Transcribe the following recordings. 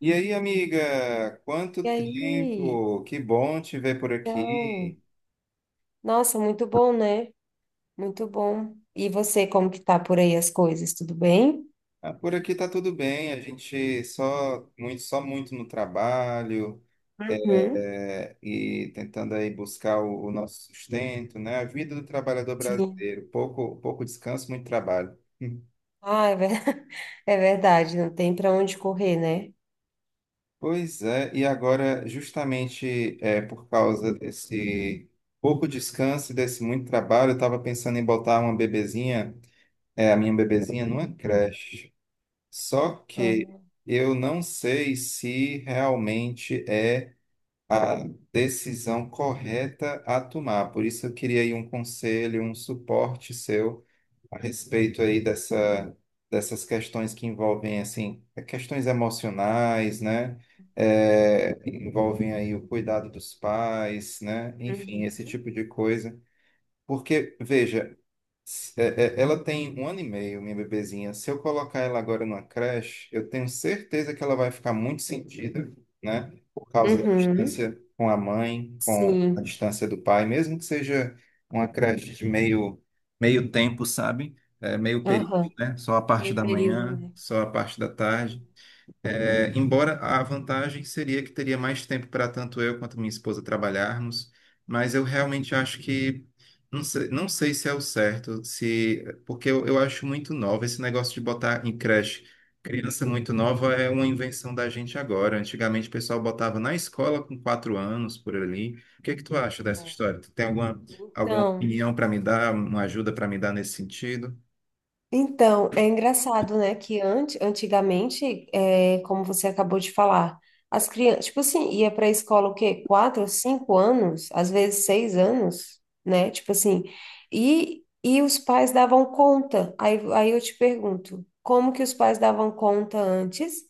E aí, amiga, quanto E aí, tempo? Que bom te ver por então, aqui. nossa, muito bom, né? Muito bom. E você, como que tá por aí as coisas? Tudo bem? Ah, por aqui tá tudo bem, a gente só muito no trabalho, Uhum. E tentando aí buscar o nosso sustento, né? A vida do trabalhador Sim. brasileiro, pouco descanso, muito trabalho. Ah, é, é verdade, não tem para onde correr, né? Pois é, e agora, justamente por causa desse pouco descanso e desse muito trabalho, eu estava pensando em botar a minha bebezinha numa Hum. creche. Só que Ah, eu não sei se realmente é a decisão correta a tomar. Por isso eu queria aí um conselho, um suporte seu a respeito aí dessas questões que envolvem, assim, questões emocionais, né? É, envolvem aí o cuidado dos pais, né? Enfim, uhum. esse tipo de coisa. Porque, veja, ela tem 1 ano e meio, minha bebezinha. Se eu colocar ela agora numa creche, eu tenho certeza que ela vai ficar muito sentida, né? Por causa da Uhum. distância com a mãe, com a Sim. distância do pai, mesmo que seja uma creche de meio tempo, sabe? É, meio período, Aham. né? Só a parte Meio da período, manhã, né? só a parte da tarde. É, embora a vantagem seria que teria mais tempo para tanto eu quanto minha esposa trabalharmos, mas eu realmente acho que não sei se é o certo, se porque eu acho muito nova esse negócio de botar em creche. Criança muito nova é uma invenção da gente agora. Antigamente o pessoal botava na escola com 4 anos por ali. O que é que tu acha dessa É. história? Tu tem alguma Então. opinião para me dar, uma ajuda para me dar nesse sentido? Então, é engraçado, né, que antes, antigamente, como você acabou de falar, as crianças, tipo assim, ia para a escola o quê? 4, 5 anos, às vezes 6 anos, né? Tipo assim, e os pais davam conta. Aí eu te pergunto, como que os pais davam conta antes?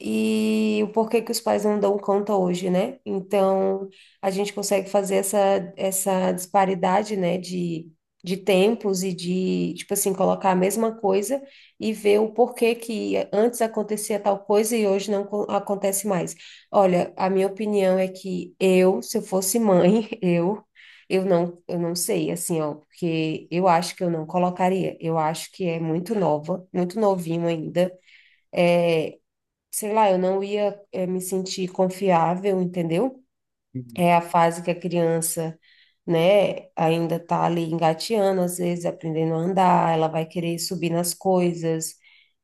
E o porquê que os pais não dão conta hoje, né? Então, a gente consegue fazer essa, disparidade, né, de tempos e de, tipo assim, colocar a mesma coisa e ver o porquê que antes acontecia tal coisa e hoje não acontece mais. Olha, a minha opinião é que eu, se eu fosse mãe, Eu não sei, assim, ó, porque eu acho que eu não colocaria. Eu acho que é muito nova, muito novinho ainda, sei lá, eu não ia, me sentir confiável, entendeu? Hum, É a fase que a criança, né, ainda tá ali engateando, às vezes aprendendo a andar, ela vai querer subir nas coisas,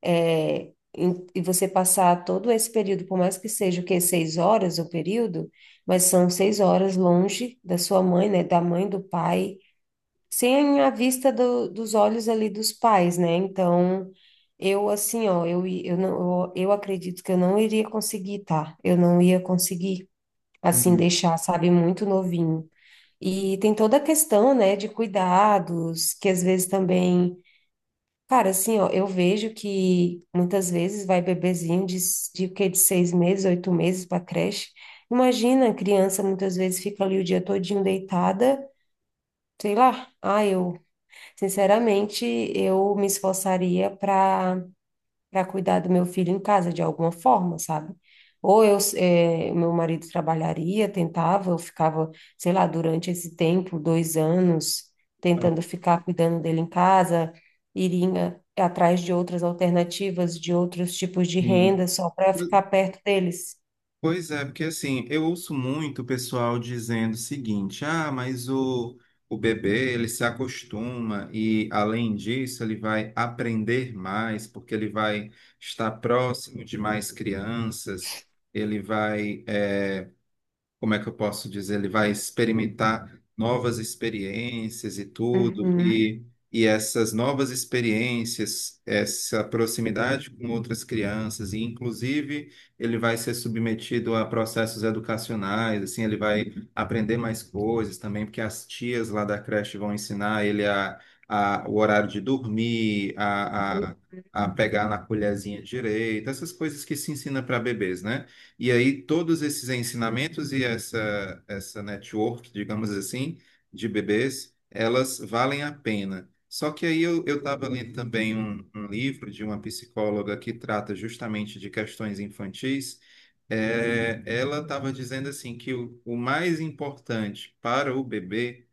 eh, e você passar todo esse período, por mais que seja o quê, 6 horas o período, mas são 6 horas longe da sua mãe, né, da mãe, do pai, sem a vista dos olhos ali dos pais, né? Então, eu assim, ó, eu acredito que eu não iria conseguir, tá? Eu não ia conseguir, assim, hum, deixar, sabe, muito novinho. E tem toda a questão, né, de cuidados, que às vezes também, cara, assim, ó, eu vejo que muitas vezes vai bebezinho de, s- de, que, de 6 meses, 8 meses para creche. Imagina, a criança muitas vezes fica ali o dia todinho deitada, sei lá, ah, eu sinceramente, eu me esforçaria para cuidar do meu filho em casa de alguma forma, sabe? Ou eu, meu marido trabalharia, tentava, eu ficava, sei lá, durante esse tempo, 2 anos, tá, tentando ficar cuidando dele em casa, iria atrás de outras alternativas, de outros tipos de sim. renda, só para ficar perto deles. Pois é, porque assim, eu ouço muito o pessoal dizendo o seguinte: ah, mas o bebê ele se acostuma e, além disso, ele vai aprender mais, porque ele vai estar próximo de mais crianças, ele vai. eh, como é que eu posso dizer, ele vai experimentar novas experiências e tudo, Uhum, e essas novas experiências, essa proximidade com outras crianças, e inclusive ele vai ser submetido a processos educacionais, assim, ele vai aprender mais coisas também, porque as tias lá da creche vão ensinar ele o horário de dormir, a pegar na colherzinha direita, essas coisas que se ensina para bebês, né? E aí, todos esses ensinamentos e essa network, digamos assim, de bebês, elas valem a pena. Só que aí eu estava lendo também um livro de uma psicóloga que trata justamente de questões infantis. É, ela estava dizendo assim que o mais importante para o bebê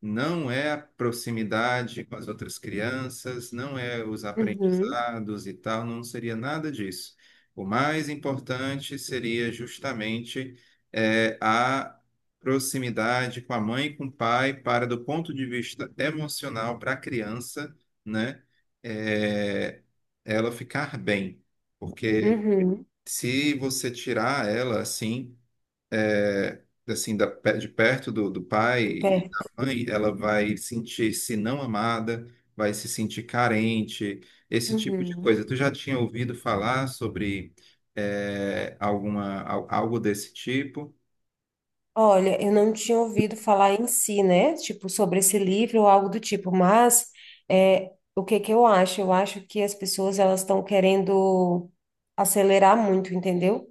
não é a proximidade com as outras crianças, não é os uhum, aprendizados e tal, não seria nada disso. O mais importante seria justamente a proximidade com a mãe e com o pai, para do ponto de vista emocional para a criança, né, eh, ela ficar bem, porque uhum, se você tirar ela assim é, assim, de perto do pai de e perto. da mãe, ela vai sentir-se não amada, vai se sentir carente, esse tipo de Uhum. coisa. Tu já tinha ouvido falar sobre algo desse tipo? Olha, eu não tinha ouvido falar em si, né? Tipo, sobre esse livro ou algo do tipo, mas é, o que que eu acho? Eu acho que as pessoas elas estão querendo acelerar muito, entendeu?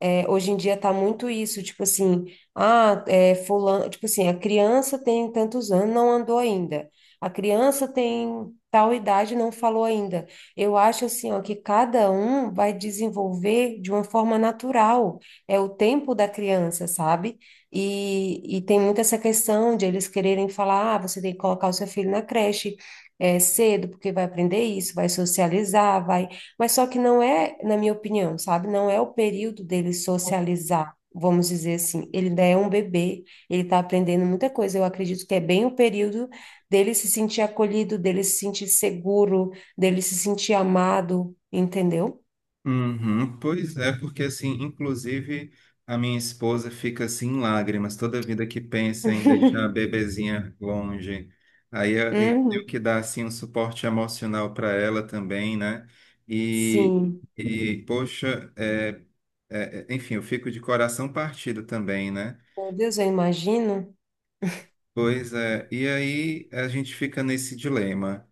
Hoje em dia tá muito isso, tipo assim, ah, fulano, tipo assim, a criança tem tantos anos, não andou ainda. A criança tem tal idade, não falou ainda. Eu acho assim, ó, que cada um vai desenvolver de uma forma natural. É o tempo da criança, sabe? E tem muito essa questão de eles quererem falar, ah, você tem que colocar o seu filho na creche. É, cedo, porque vai aprender isso, vai socializar, vai mas só que não é, na minha opinião, sabe? Não é o período dele socializar, vamos dizer assim. Ele ainda é um bebê, ele está aprendendo muita coisa. Eu acredito que é bem o período dele se sentir acolhido, dele se sentir seguro, dele se sentir amado, entendeu? Uhum, pois é, porque assim, inclusive a minha esposa fica assim em lágrimas toda vida que pensa em deixar a bebezinha longe. Aí eu tenho Uhum. que dar assim um suporte emocional para ela também, né? E, Sim. e poxa, enfim, eu fico de coração partido também, né? Meu Deus, eu imagino. Pois é, e aí a gente fica nesse dilema.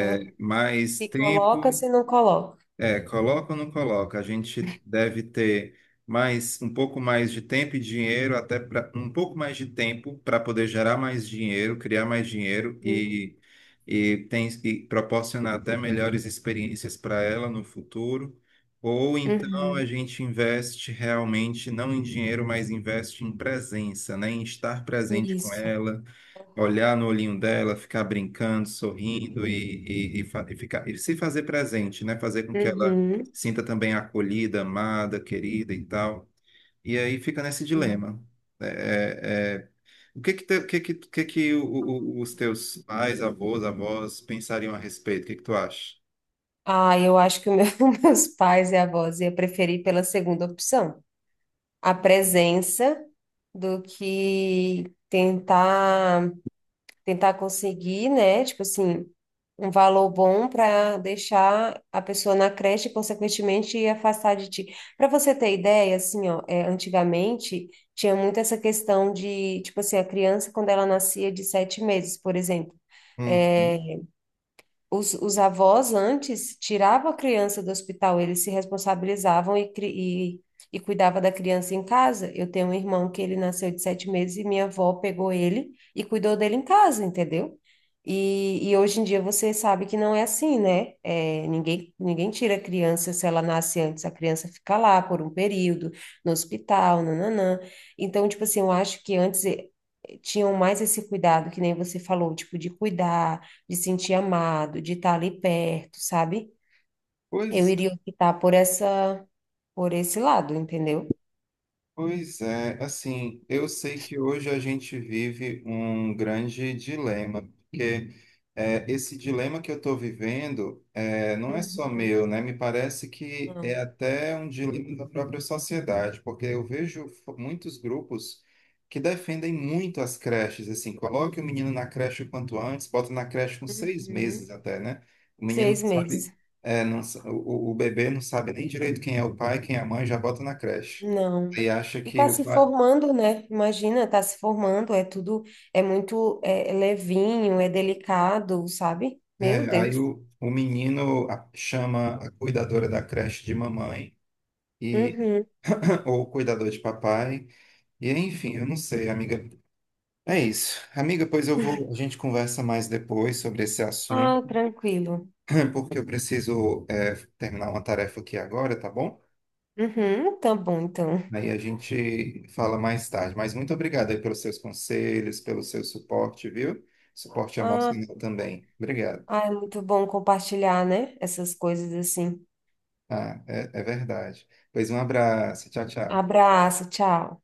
Aham. mais Se tempo. coloca, se não coloca. É, coloca ou não coloca? A gente deve ter mais um pouco mais de tempo e dinheiro, até pra, um pouco mais de tempo para poder gerar mais dinheiro, criar mais dinheiro Uhum. E proporcionar até melhores experiências para ela no futuro. Ou então a Uhum. gente investe realmente não em dinheiro, mas investe em presença, né? Em estar presente com Isso. ela, Aham. olhar no olhinho dela, ficar brincando, sorrindo e ficar, e se fazer presente, né? Fazer com que ela Uhum. sinta também acolhida, amada, querida e tal. E aí fica nesse Sim. dilema. É, é, é, o que que, os teus pais, avós pensariam a respeito? O que que tu acha? Ah, eu acho que o meus pais e avós ia preferir pela segunda opção, a presença do que tentar conseguir, né? Tipo assim, um valor bom para deixar a pessoa na creche e, consequentemente, afastar de ti. Para você ter ideia, assim, ó, é, antigamente tinha muito essa questão de, tipo assim, a criança quando ela nascia de 7 meses, por exemplo. É, Uhum. os avós antes tiravam a criança do hospital, eles se responsabilizavam e cuidava da criança em casa. Eu tenho um irmão que ele nasceu de 7 meses e minha avó pegou ele e cuidou dele em casa, entendeu? E hoje em dia você sabe que não é assim, né? É, ninguém, tira a criança se ela nasce antes, a criança fica lá por um período, no hospital, nananã. Então, tipo assim, eu acho que antes tinham mais esse cuidado, que nem você falou, tipo, de cuidar, de sentir amado, de estar ali perto, sabe? Eu Pois iria optar por esse lado, entendeu? Pois é, assim, eu sei que hoje a gente vive um grande dilema, porque esse dilema que eu estou vivendo não é só Uhum. meu, né? Me parece que é Não. até um dilema da própria sociedade, porque eu vejo muitos grupos que defendem muito as creches, assim, coloque o menino na creche o quanto antes, bota na creche com 6 meses Uhum. até, né? O menino Seis não sabe, meses. é, não sa- o bebê não sabe nem direito quem é o pai, quem é a mãe, já bota na creche. Não. Aí acha E que tá o se pai. formando, né? Imagina, tá se formando, é tudo, é muito, é levinho, é delicado, sabe? Meu É, aí Deus. O menino chama a cuidadora da creche de mamãe, e, Uhum. ou o cuidador de papai, e enfim, eu não sei, amiga. É isso. Amiga, pois eu vou. A gente conversa mais depois sobre esse assunto, Ah, tranquilo. né, porque eu preciso, terminar uma tarefa aqui agora, tá bom? Uhum, tá bom, então. Aí a gente fala mais tarde. Mas muito obrigado aí pelos seus conselhos, pelo seu suporte, viu? Suporte Ah, emocional também. Obrigado. ah, é muito bom compartilhar, né? Essas coisas assim. Ah, é verdade. Pois um abraço. Tchau, tchau. Abraço, tchau.